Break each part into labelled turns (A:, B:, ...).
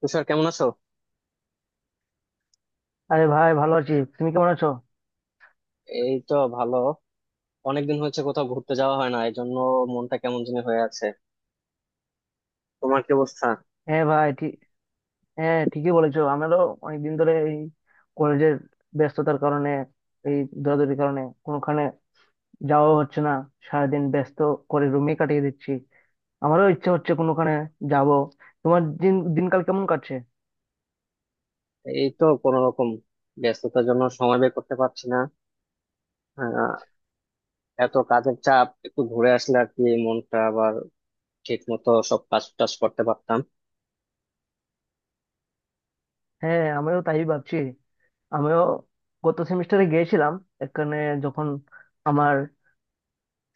A: তুষার, কেমন আছো?
B: আরে ভাই, ভালো আছি। তুমি কেমন আছো?
A: এই তো ভালো। অনেকদিন হয়েছে কোথাও ঘুরতে যাওয়া হয় না, এই জন্য মনটা কেমন জানি হয়ে আছে। তোমার কি অবস্থা?
B: হ্যাঁ ভাই, ঠিক। হ্যাঁ, ঠিকই বলেছো। আমারও অনেকদিন ধরে কলেজের ব্যস্ততার কারণে, এই দৌড়াদৌড়ির কারণে কোনোখানে যাওয়া হচ্ছে না। সারাদিন ব্যস্ত করে রুমে কাটিয়ে দিচ্ছি। আমারও ইচ্ছা হচ্ছে কোনোখানে যাব। তোমার দিনকাল কেমন কাটছে?
A: এই তো কোনো রকম, ব্যস্ততার জন্য সময় বের করতে পারছি না। আহ, এত কাজের চাপ, একটু ঘুরে আসলে আর কি মনটা আবার ঠিক মতো সব কাজ টাজ করতে পারতাম।
B: হ্যাঁ, আমিও তাই ভাবছি। আমিও গত সেমিস্টারে গিয়েছিলাম এখানে, যখন আমার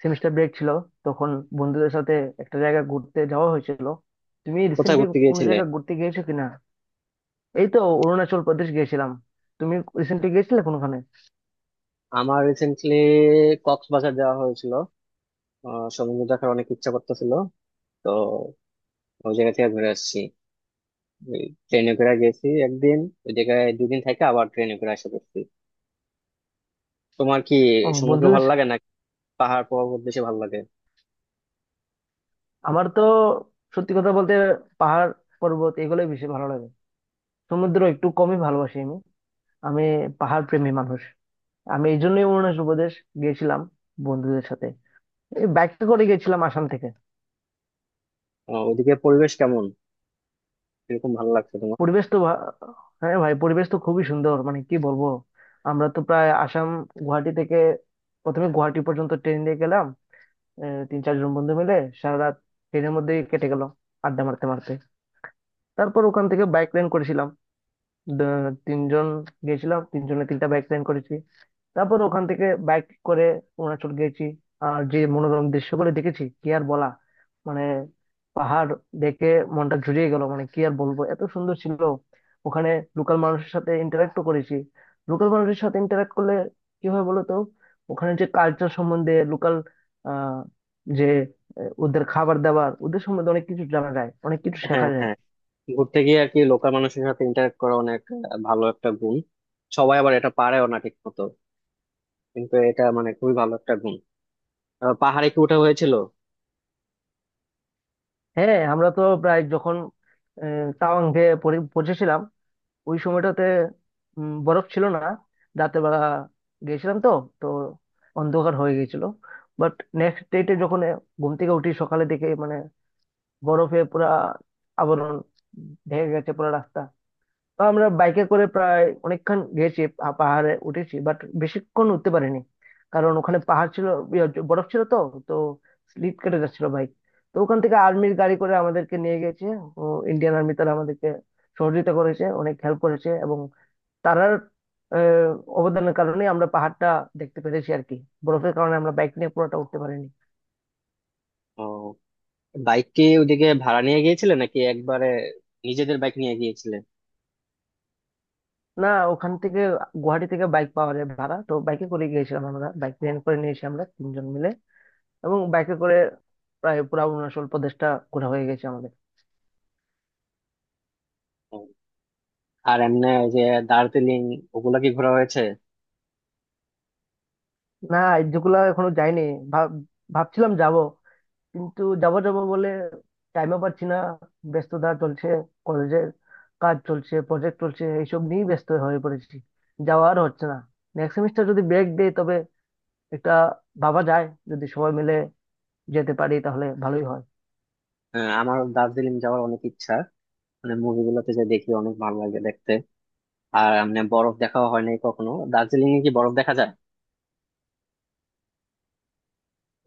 B: সেমিস্টার ব্রেক ছিল তখন বন্ধুদের সাথে একটা জায়গা ঘুরতে যাওয়া হয়েছিল। তুমি
A: কোথায়
B: রিসেন্টলি
A: ঘুরতে
B: কোনো
A: গিয়েছিলে?
B: জায়গা ঘুরতে গিয়েছো কিনা? এই তো, অরুণাচল প্রদেশ গিয়েছিলাম। তুমি রিসেন্টলি গিয়েছিলে কোনোখানে?
A: আমার রিসেন্টলি কক্সবাজার যাওয়া হয়েছিল। আহ, সমুদ্র দেখার অনেক ইচ্ছা করতেছিল, তো ওই জায়গা থেকে ঘুরে আসছি। ট্রেনে করে গেছি একদিন, ওই জায়গায় দুদিন থেকে আবার ট্রেনে করে আসা করছি। তোমার কি
B: ও,
A: সমুদ্র
B: বন্ধুদের।
A: ভালো লাগে নাকি পাহাড় পর্বত বেশি ভালো লাগে?
B: আমার তো সত্যি কথা বলতে পাহাড় পর্বত এগুলোই বেশি ভালো লাগে। সমুদ্র একটু কমই ভালোবাসি আমি। আমি পাহাড় প্রেমী মানুষ। আমি এই জন্যই অরুণাচল প্রদেশ গিয়েছিলাম বন্ধুদের সাথে। বাইকে করে গেছিলাম আসাম থেকে।
A: ওদিকে পরিবেশ কেমন? কিরকম ভালো লাগছে তোমার?
B: পরিবেশ তো ভা- হ্যাঁ ভাই, পরিবেশ তো খুবই সুন্দর, মানে কি বলবো। আমরা তো প্রায় আসাম, গুয়াহাটি থেকে, প্রথমে গুয়াহাটি পর্যন্ত ট্রেন দিয়ে গেলাম। তিন চারজন বন্ধু মিলে সারা রাত ট্রেনের মধ্যেই কেটে গেল আড্ডা মারতে মারতে। তারপর ওখান থেকে বাইক রেন্ট করেছিলাম। তিনজন গেছিলাম, তিনজনে তিনটা বাইক রেন্ট করেছি। তারপর ওখান থেকে বাইক করে অরুণাচল গেছি। আর যে মনোরম দৃশ্যগুলো দেখেছি কি আর বলা, মানে পাহাড় দেখে মনটা জুড়িয়ে গেল, মানে কি আর বলবো, এত সুন্দর ছিল। ওখানে লোকাল মানুষের সাথে ইন্টারাক্টও করেছি। লোকাল মানুষের সাথে ইন্টারাক্ট করলে কি হয় বলো তো, ওখানে যে কালচার, সম্বন্ধে লোকাল আহ যে ওদের খাবার দাবার, ওদের সম্বন্ধে অনেক কিছু জানা যায়, অনেক কিছু
A: হ্যাঁ,
B: শেখা যায়।
A: হ্যাঁ। ঘুরতে গিয়ে আর কি লোকাল মানুষের সাথে ইন্টারেক্ট করা অনেক ভালো একটা গুণ। সবাই আবার এটা পারেও না ঠিক মতো, কিন্তু এটা মানে খুবই ভালো একটা গুণ। পাহাড়ে কি ওঠা হয়েছিল?
B: হ্যাঁ, আমরা তো প্রায় যখন তাওয়াং গিয়ে পৌঁছেছিলাম ওই সময়টাতে বরফ ছিল না। রাতের বেলা গেছিলাম তো, তো অন্ধকার হয়ে গেছিল। বাট নেক্সট ডেতে যখন ঘুম থেকে উঠি সকালে, দেখে মানে বরফে পুরা আবরণ ঢেকে গেছে পুরো রাস্তা। তো আমরা বাইকে করে প্রায় অনেকক্ষণ গেছি, পাহাড়ে উঠেছি, বাট বেশিক্ষণ উঠতে পারিনি। কারণ ওখানে পাহাড় ছিল, বরফ ছিল তো, তো স্লিপ কেটে যাচ্ছিল বাইক। তো ওখান থেকে আর্মির গাড়ি করে আমাদেরকে নিয়ে গেছে। ইন্ডিয়ান আর্মি, তারা আমাদেরকে সহযোগিতা করেছে, অনেক হেল্প করেছে। তারার আহ, অবদানের কারণে আমরা পাহাড়টা দেখতে পেরেছি আর কি। বরফের কারণে আমরা বাইক নিয়ে পুরোটা উঠতে পারিনি।
A: ও, বাইক কি ওইদিকে ভাড়া নিয়ে গিয়েছিলে নাকি একবারে নিজেদের বাইক নিয়ে গিয়েছিলে?
B: না, ওখান থেকে, গুয়াহাটি থেকে বাইক পাওয়া যায় ভাড়া, তো বাইকে করে গিয়েছিলাম আমরা। বাইক রেন্ট করে নিয়েছি আমরা তিনজন মিলে, এবং বাইকে করে প্রায় পুরো অরুণাচল প্রদেশটা ঘোরা হয়ে গেছে আমাদের।
A: ও, আর এমনি ওই যে দার্জিলিং, ওগুলা কি ঘোরা হয়েছে?
B: না, যেগুলা এখনো যাইনি। ভাব- ভাবছিলাম যাব, কিন্তু যাবো যাবো বলে টাইমও পাচ্ছি না। ব্যস্ততা চলছে, কলেজের কাজ চলছে, প্রজেক্ট চলছে, এইসব নিয়েই ব্যস্ত হয়ে পড়েছি। যাওয়া আর হচ্ছে না। নেক্সট সেমিস্টার যদি ব্রেক দেয় তবে একটা ভাবা যায়। যদি সবাই মিলে যেতে পারি তাহলে ভালোই হয়।
A: আমার দার্জিলিং যাওয়ার অনেক ইচ্ছা। মানে মুভিগুলোতে যে দেখি, অনেক ভালো লাগে দেখতে। আর এমনি বরফ দেখাও হয় নাই কখনো। দার্জিলিং এ কি বরফ দেখা যায়?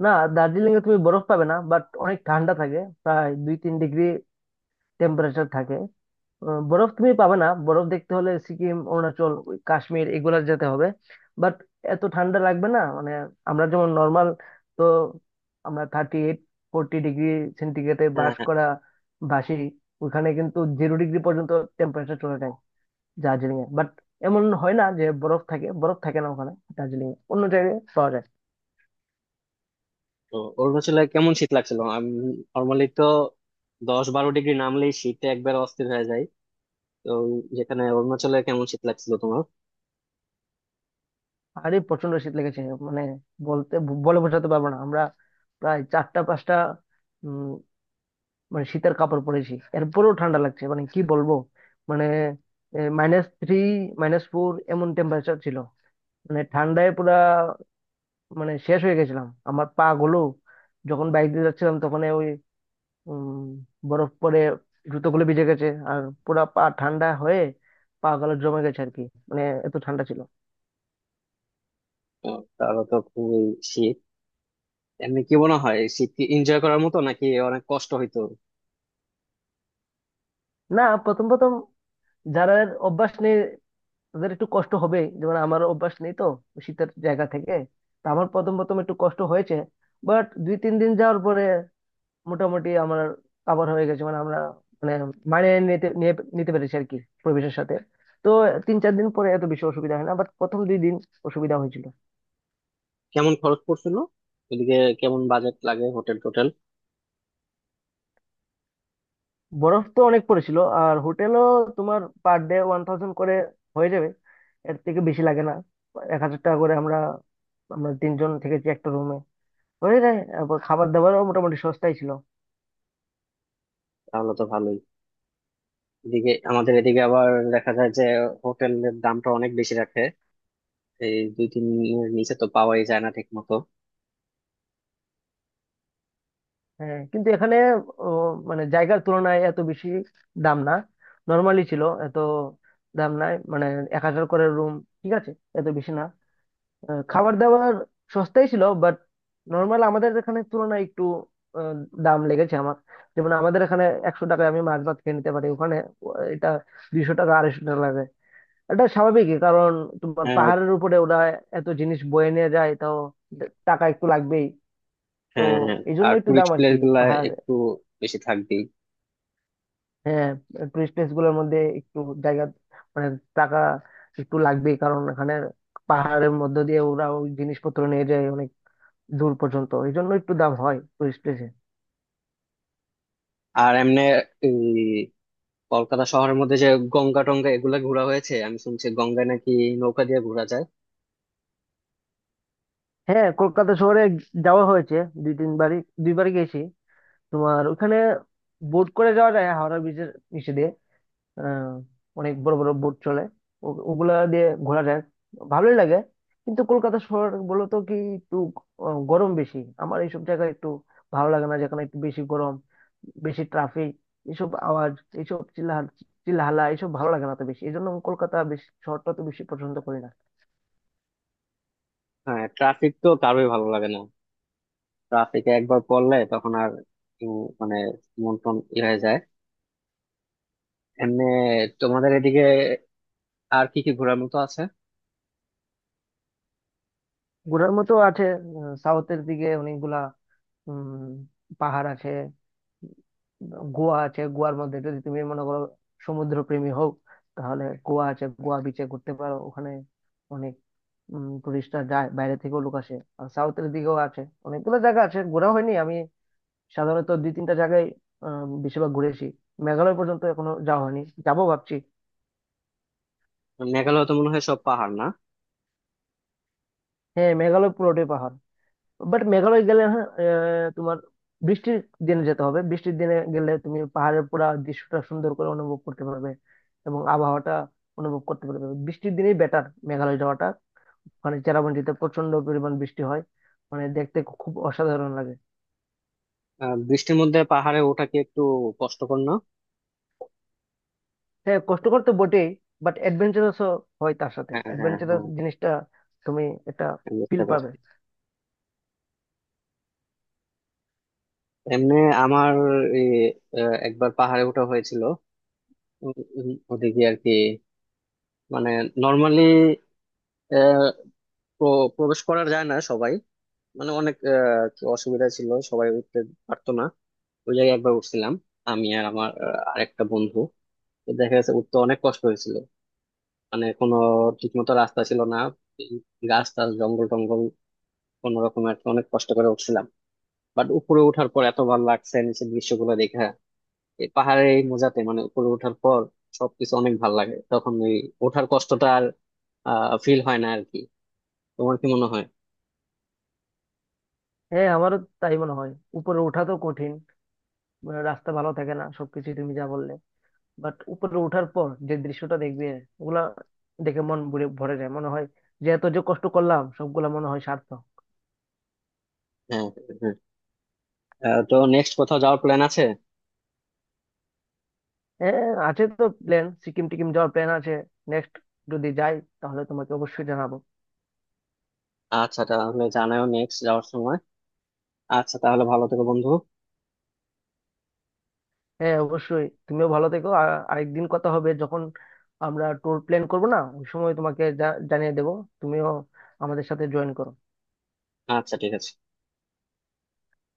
B: না, দার্জিলিং এ তুমি বরফ পাবে না, বাট অনেক ঠান্ডা থাকে, প্রায় 2-3 ডিগ্রি টেম্পারেচার থাকে। বরফ তুমি পাবে না, বরফ দেখতে হলে সিকিম, অরুণাচল, ওই কাশ্মীর এগুলা যেতে হবে। বাট এত ঠান্ডা লাগবে না, মানে আমরা যেমন নর্মাল, তো আমরা 38 40 ডিগ্রি সেন্টিগ্রেডে
A: হ্যাঁ,
B: বাস
A: হ্যাঁ।
B: করা বাসি, ওখানে কিন্তু 0 ডিগ্রি পর্যন্ত টেম্পারেচার চলে যায় দার্জিলিং এ। বাট এমন হয় না যে বরফ থাকে, বরফ থাকে না ওখানে দার্জিলিং এ, অন্য জায়গায় পাওয়া যায়।
A: তো অরুণাচলে কেমন শীত লাগছিল? আমি নর্মালি তো 10-12 ডিগ্রি নামলেই শীতে একবার অস্থির হয়ে যায়, তো যেখানে অরুণাচলে কেমন শীত লাগছিল তোমার?
B: আরে প্রচন্ড শীত লেগেছে, মানে বলতে বলে বোঝাতে পারবো না। আমরা প্রায় চারটা পাঁচটা, মানে শীতের কাপড় পরেছি, এরপরেও ঠান্ডা লাগছে, মানে কি বলবো। মানে -3, -4 এমন টেম্পারেচার ছিল। মানে ঠান্ডায় পুরা, মানে শেষ হয়ে গেছিলাম, আমার পা গুলো, যখন বাইক দিয়ে যাচ্ছিলাম তখন ওই উম, বরফ পরে জুতোগুলো ভিজে গেছে, আর পুরা পা ঠান্ডা হয়ে, পা গুলো জমে গেছে আর কি। মানে এত ঠান্ডা ছিল।
A: তারও তো খুবই শীত। এমনি কি মনে হয়, শীত কি এনজয় করার মতো নাকি অনেক কষ্ট হইতো?
B: না, প্রথম প্রথম যারা অভ্যাস নেই তাদের একটু কষ্ট হবে, যেমন আমার অভ্যাস নেই তো শীতের জায়গা থেকে, তো আমার প্রথম প্রথম একটু কষ্ট হয়েছে। বাট 2-3 দিন যাওয়ার পরে মোটামুটি আমার কাভার হয়ে গেছে, মানে আমরা মানে মানিয়ে নিতে পেরেছি আর কি পরিবেশের সাথে। তো 3-4 দিন পরে এত বেশি অসুবিধা হয় না, বাট প্রথম 2 দিন অসুবিধা হয়েছিল।
A: কেমন খরচ পড়ছিল এদিকে? কেমন বাজেট লাগে হোটেল টোটেল?
B: বরফ তো অনেক পড়েছিল। আর হোটেলও, তোমার পার ডে 1,000 করে হয়ে যাবে, এর থেকে বেশি লাগে না। 1,000 টাকা করে আমরা, আমরা তিনজন থেকেছি একটা রুমে, হয়ে যায়। তারপর খাবার দাবারও মোটামুটি সস্তাই ছিল।
A: তাহলে তো ভালোই। এদিকে আমাদের এদিকে আবার দেখা যায় যে হোটেলের দামটা অনেক বেশি রাখে। এই দুই তিন এর নিচে তো পাওয়াই যায় না ঠিক মতো।
B: হ্যাঁ, কিন্তু এখানে ও, মানে জায়গার তুলনায় এত বেশি দাম না। নর্মালি ছিল, এত দাম নাই, মানে 1,000 করে রুম, ঠিক আছে, এত বেশি না। খাবার দাবার সস্তাই ছিল, বাট নর্মাল আমাদের এখানে তুলনায় একটু আহ, দাম লেগেছে আমার। যেমন আমাদের এখানে 100 টাকায় আমি মাছ ভাত খেয়ে নিতে পারি, ওখানে এটা 200 টাকা 250 টাকা লাগে। এটা স্বাভাবিকই, কারণ তোমার
A: হ্যাঁ,
B: পাহাড়ের উপরে ওরা এত জিনিস বয়ে নিয়ে যায়, তাও টাকা একটু লাগবেই তো।
A: হ্যাঁ, হ্যাঁ।
B: এই জন্য
A: আর
B: একটু দাম
A: টুরিস্ট
B: আর
A: প্লেস
B: কি।
A: গুলা
B: পাহাড়।
A: একটু বেশি থাকবেই।
B: হ্যাঁ, টুরিস্ট প্লেস গুলোর মধ্যে একটু জায়গা, মানে টাকা একটু লাগবেই, কারণ এখানে পাহাড়ের মধ্য দিয়ে ওরা ওই জিনিসপত্র নিয়ে যায় অনেক দূর পর্যন্ত, এই জন্য একটু দাম হয় টুরিস্ট প্লেসে।
A: আর এমনি এই কলকাতা শহরের মধ্যে যে গঙ্গা টঙ্গা, এগুলা ঘোরা হয়েছে? আমি শুনছি গঙ্গায় নাকি নৌকা দিয়ে ঘোরা যায়।
B: হ্যাঁ, কলকাতা শহরে যাওয়া হয়েছে 2-3 বারই, দুইবার গেছি। তোমার ওখানে বোট করে যাওয়া যায় হাওড়া ব্রিজের নিচে দিয়ে। আহ, অনেক বড় বড় বোট চলে, ওগুলা দিয়ে ঘোরা যায়, ভালোই লাগে। কিন্তু কলকাতা শহর বলো তো, কি একটু গরম বেশি, আমার এইসব জায়গায় একটু ভালো লাগে না যেখানে একটু বেশি গরম, বেশি ট্রাফিক, এসব আওয়াজ, এইসব চিল্লাহাল্লা, এইসব ভালো লাগে না তো বেশি। এই জন্য আমি কলকাতা বেশি, শহরটা তো বেশি পছন্দ করি না।
A: হ্যাঁ, ট্রাফিক তো কারোই ভালো লাগে না। ট্রাফিকে একবার পড়লে তখন আর মানে মন টন ইয়ে হয়ে যায়। এমনি তোমাদের এদিকে আর কি কি ঘোরার মতো আছে?
B: ঘোরার মতো আছে, সাউথের দিকে অনেকগুলা উম পাহাড় আছে। গোয়া আছে, গোয়ার মধ্যে যদি তুমি মনে করো সমুদ্র প্রেমী হও, তাহলে গোয়া আছে, গোয়া বিচে ঘুরতে পারো। ওখানে অনেক টুরিস্টরা যায়, বাইরে থেকেও লোক আসে। আর সাউথের দিকেও আছে অনেকগুলো জায়গা, আছে ঘোরা হয়নি আমি। সাধারণত দুই তিনটা জায়গায় বেশিরভাগ ঘুরেছি। মেঘালয় পর্যন্ত এখনো যাওয়া হয়নি, যাবো ভাবছি।
A: মেঘালয় তো মনে হয় সব পাহাড় না।
B: হ্যাঁ, মেঘালয় পুরোটাই পাহাড়। বাট মেঘালয় গেলে হ্যাঁ তোমার বৃষ্টির দিনে যেতে হবে। বৃষ্টির দিনে গেলে তুমি পাহাড়ের পুরা দৃশ্যটা সুন্দর করে অনুভব করতে পারবে, এবং আবহাওয়াটা অনুভব করতে পারবে। বৃষ্টির দিনেই বেটার মেঘালয় যাওয়াটা। মানে চেরাপুঞ্জিতে প্রচন্ড পরিমাণ বৃষ্টি হয়, মানে দেখতে খুব অসাধারণ লাগে।
A: বৃষ্টির মধ্যে পাহাড়ে ওঠা কি একটু কষ্টকর না?
B: হ্যাঁ, কষ্টকর তো বটেই, বাট অ্যাডভেঞ্চারাসও হয়, তার সাথে
A: হ্যাঁ, হ্যাঁ, হ্যাঁ,
B: অ্যাডভেঞ্চারাস জিনিসটা তুমি একটা
A: বুঝতে
B: ফিল পাবে।
A: পারছি। এমনি আমার এই, একবার পাহাড়ে ওঠা হয়েছিল। উম, উম, ওদিকে আর কি মানে নর্মালি প্রবেশ করা যায় না সবাই। মানে অনেক আর কি অসুবিধা ছিল, সবাই উঠতে পারতো না। ওই জায়গায় একবার উঠছিলাম আমি আর আমার আরেকটা বন্ধু। তো দেখা গেছে উঠতে অনেক কষ্ট হয়েছিল, মানে কোনো ঠিকমতো রাস্তা ছিল না। এই গাছ টাছ জঙ্গল টঙ্গল, কোনো রকম আর কি অনেক কষ্ট করে উঠছিলাম। বাট উপরে ওঠার পর এত ভালো লাগছে নিচের দৃশ্যগুলো দেখে। এই পাহাড়ে এই মোজাতে মানে উপরে ওঠার পর সবকিছু অনেক ভালো লাগে তখন। এই ওঠার কষ্টটা আর ফিল হয় না আর কি। তোমার কি মনে হয়?
B: হ্যাঁ, আমারও তাই মনে হয়। উপরে ওঠা তো কঠিন, মানে রাস্তা ভালো থাকে না, সবকিছু তুমি যা বললে। বাট উপরে ওঠার পর যে দৃশ্যটা দেখবে, ওগুলা দেখে মন ভরে ভরে যায়, মনে হয় যে এত যে কষ্ট করলাম সবগুলা মনে হয় সার্থক।
A: হ্যাঁ, হ্যাঁ, হ্যাঁ। আহ, তো নেক্সট কোথাও যাওয়ার প্ল্যান আছে?
B: হ্যাঁ আছে তো প্ল্যান, সিকিম টিকিম যাওয়ার প্ল্যান আছে নেক্সট। যদি যাই তাহলে তোমাকে অবশ্যই জানাবো।
A: আচ্ছা, তাহলে জানাও নেক্সট যাওয়ার সময়। আচ্ছা, তাহলে ভালো থেকো বন্ধু।
B: হ্যাঁ অবশ্যই, তুমিও ভালো থেকো। আর আরেকদিন কথা হবে যখন আমরা ট্যুর প্ল্যান করবো, না ওই সময় তোমাকে জানিয়ে দেবো। তুমিও আমাদের সাথে জয়েন করো।
A: আচ্ছা, ঠিক আছে।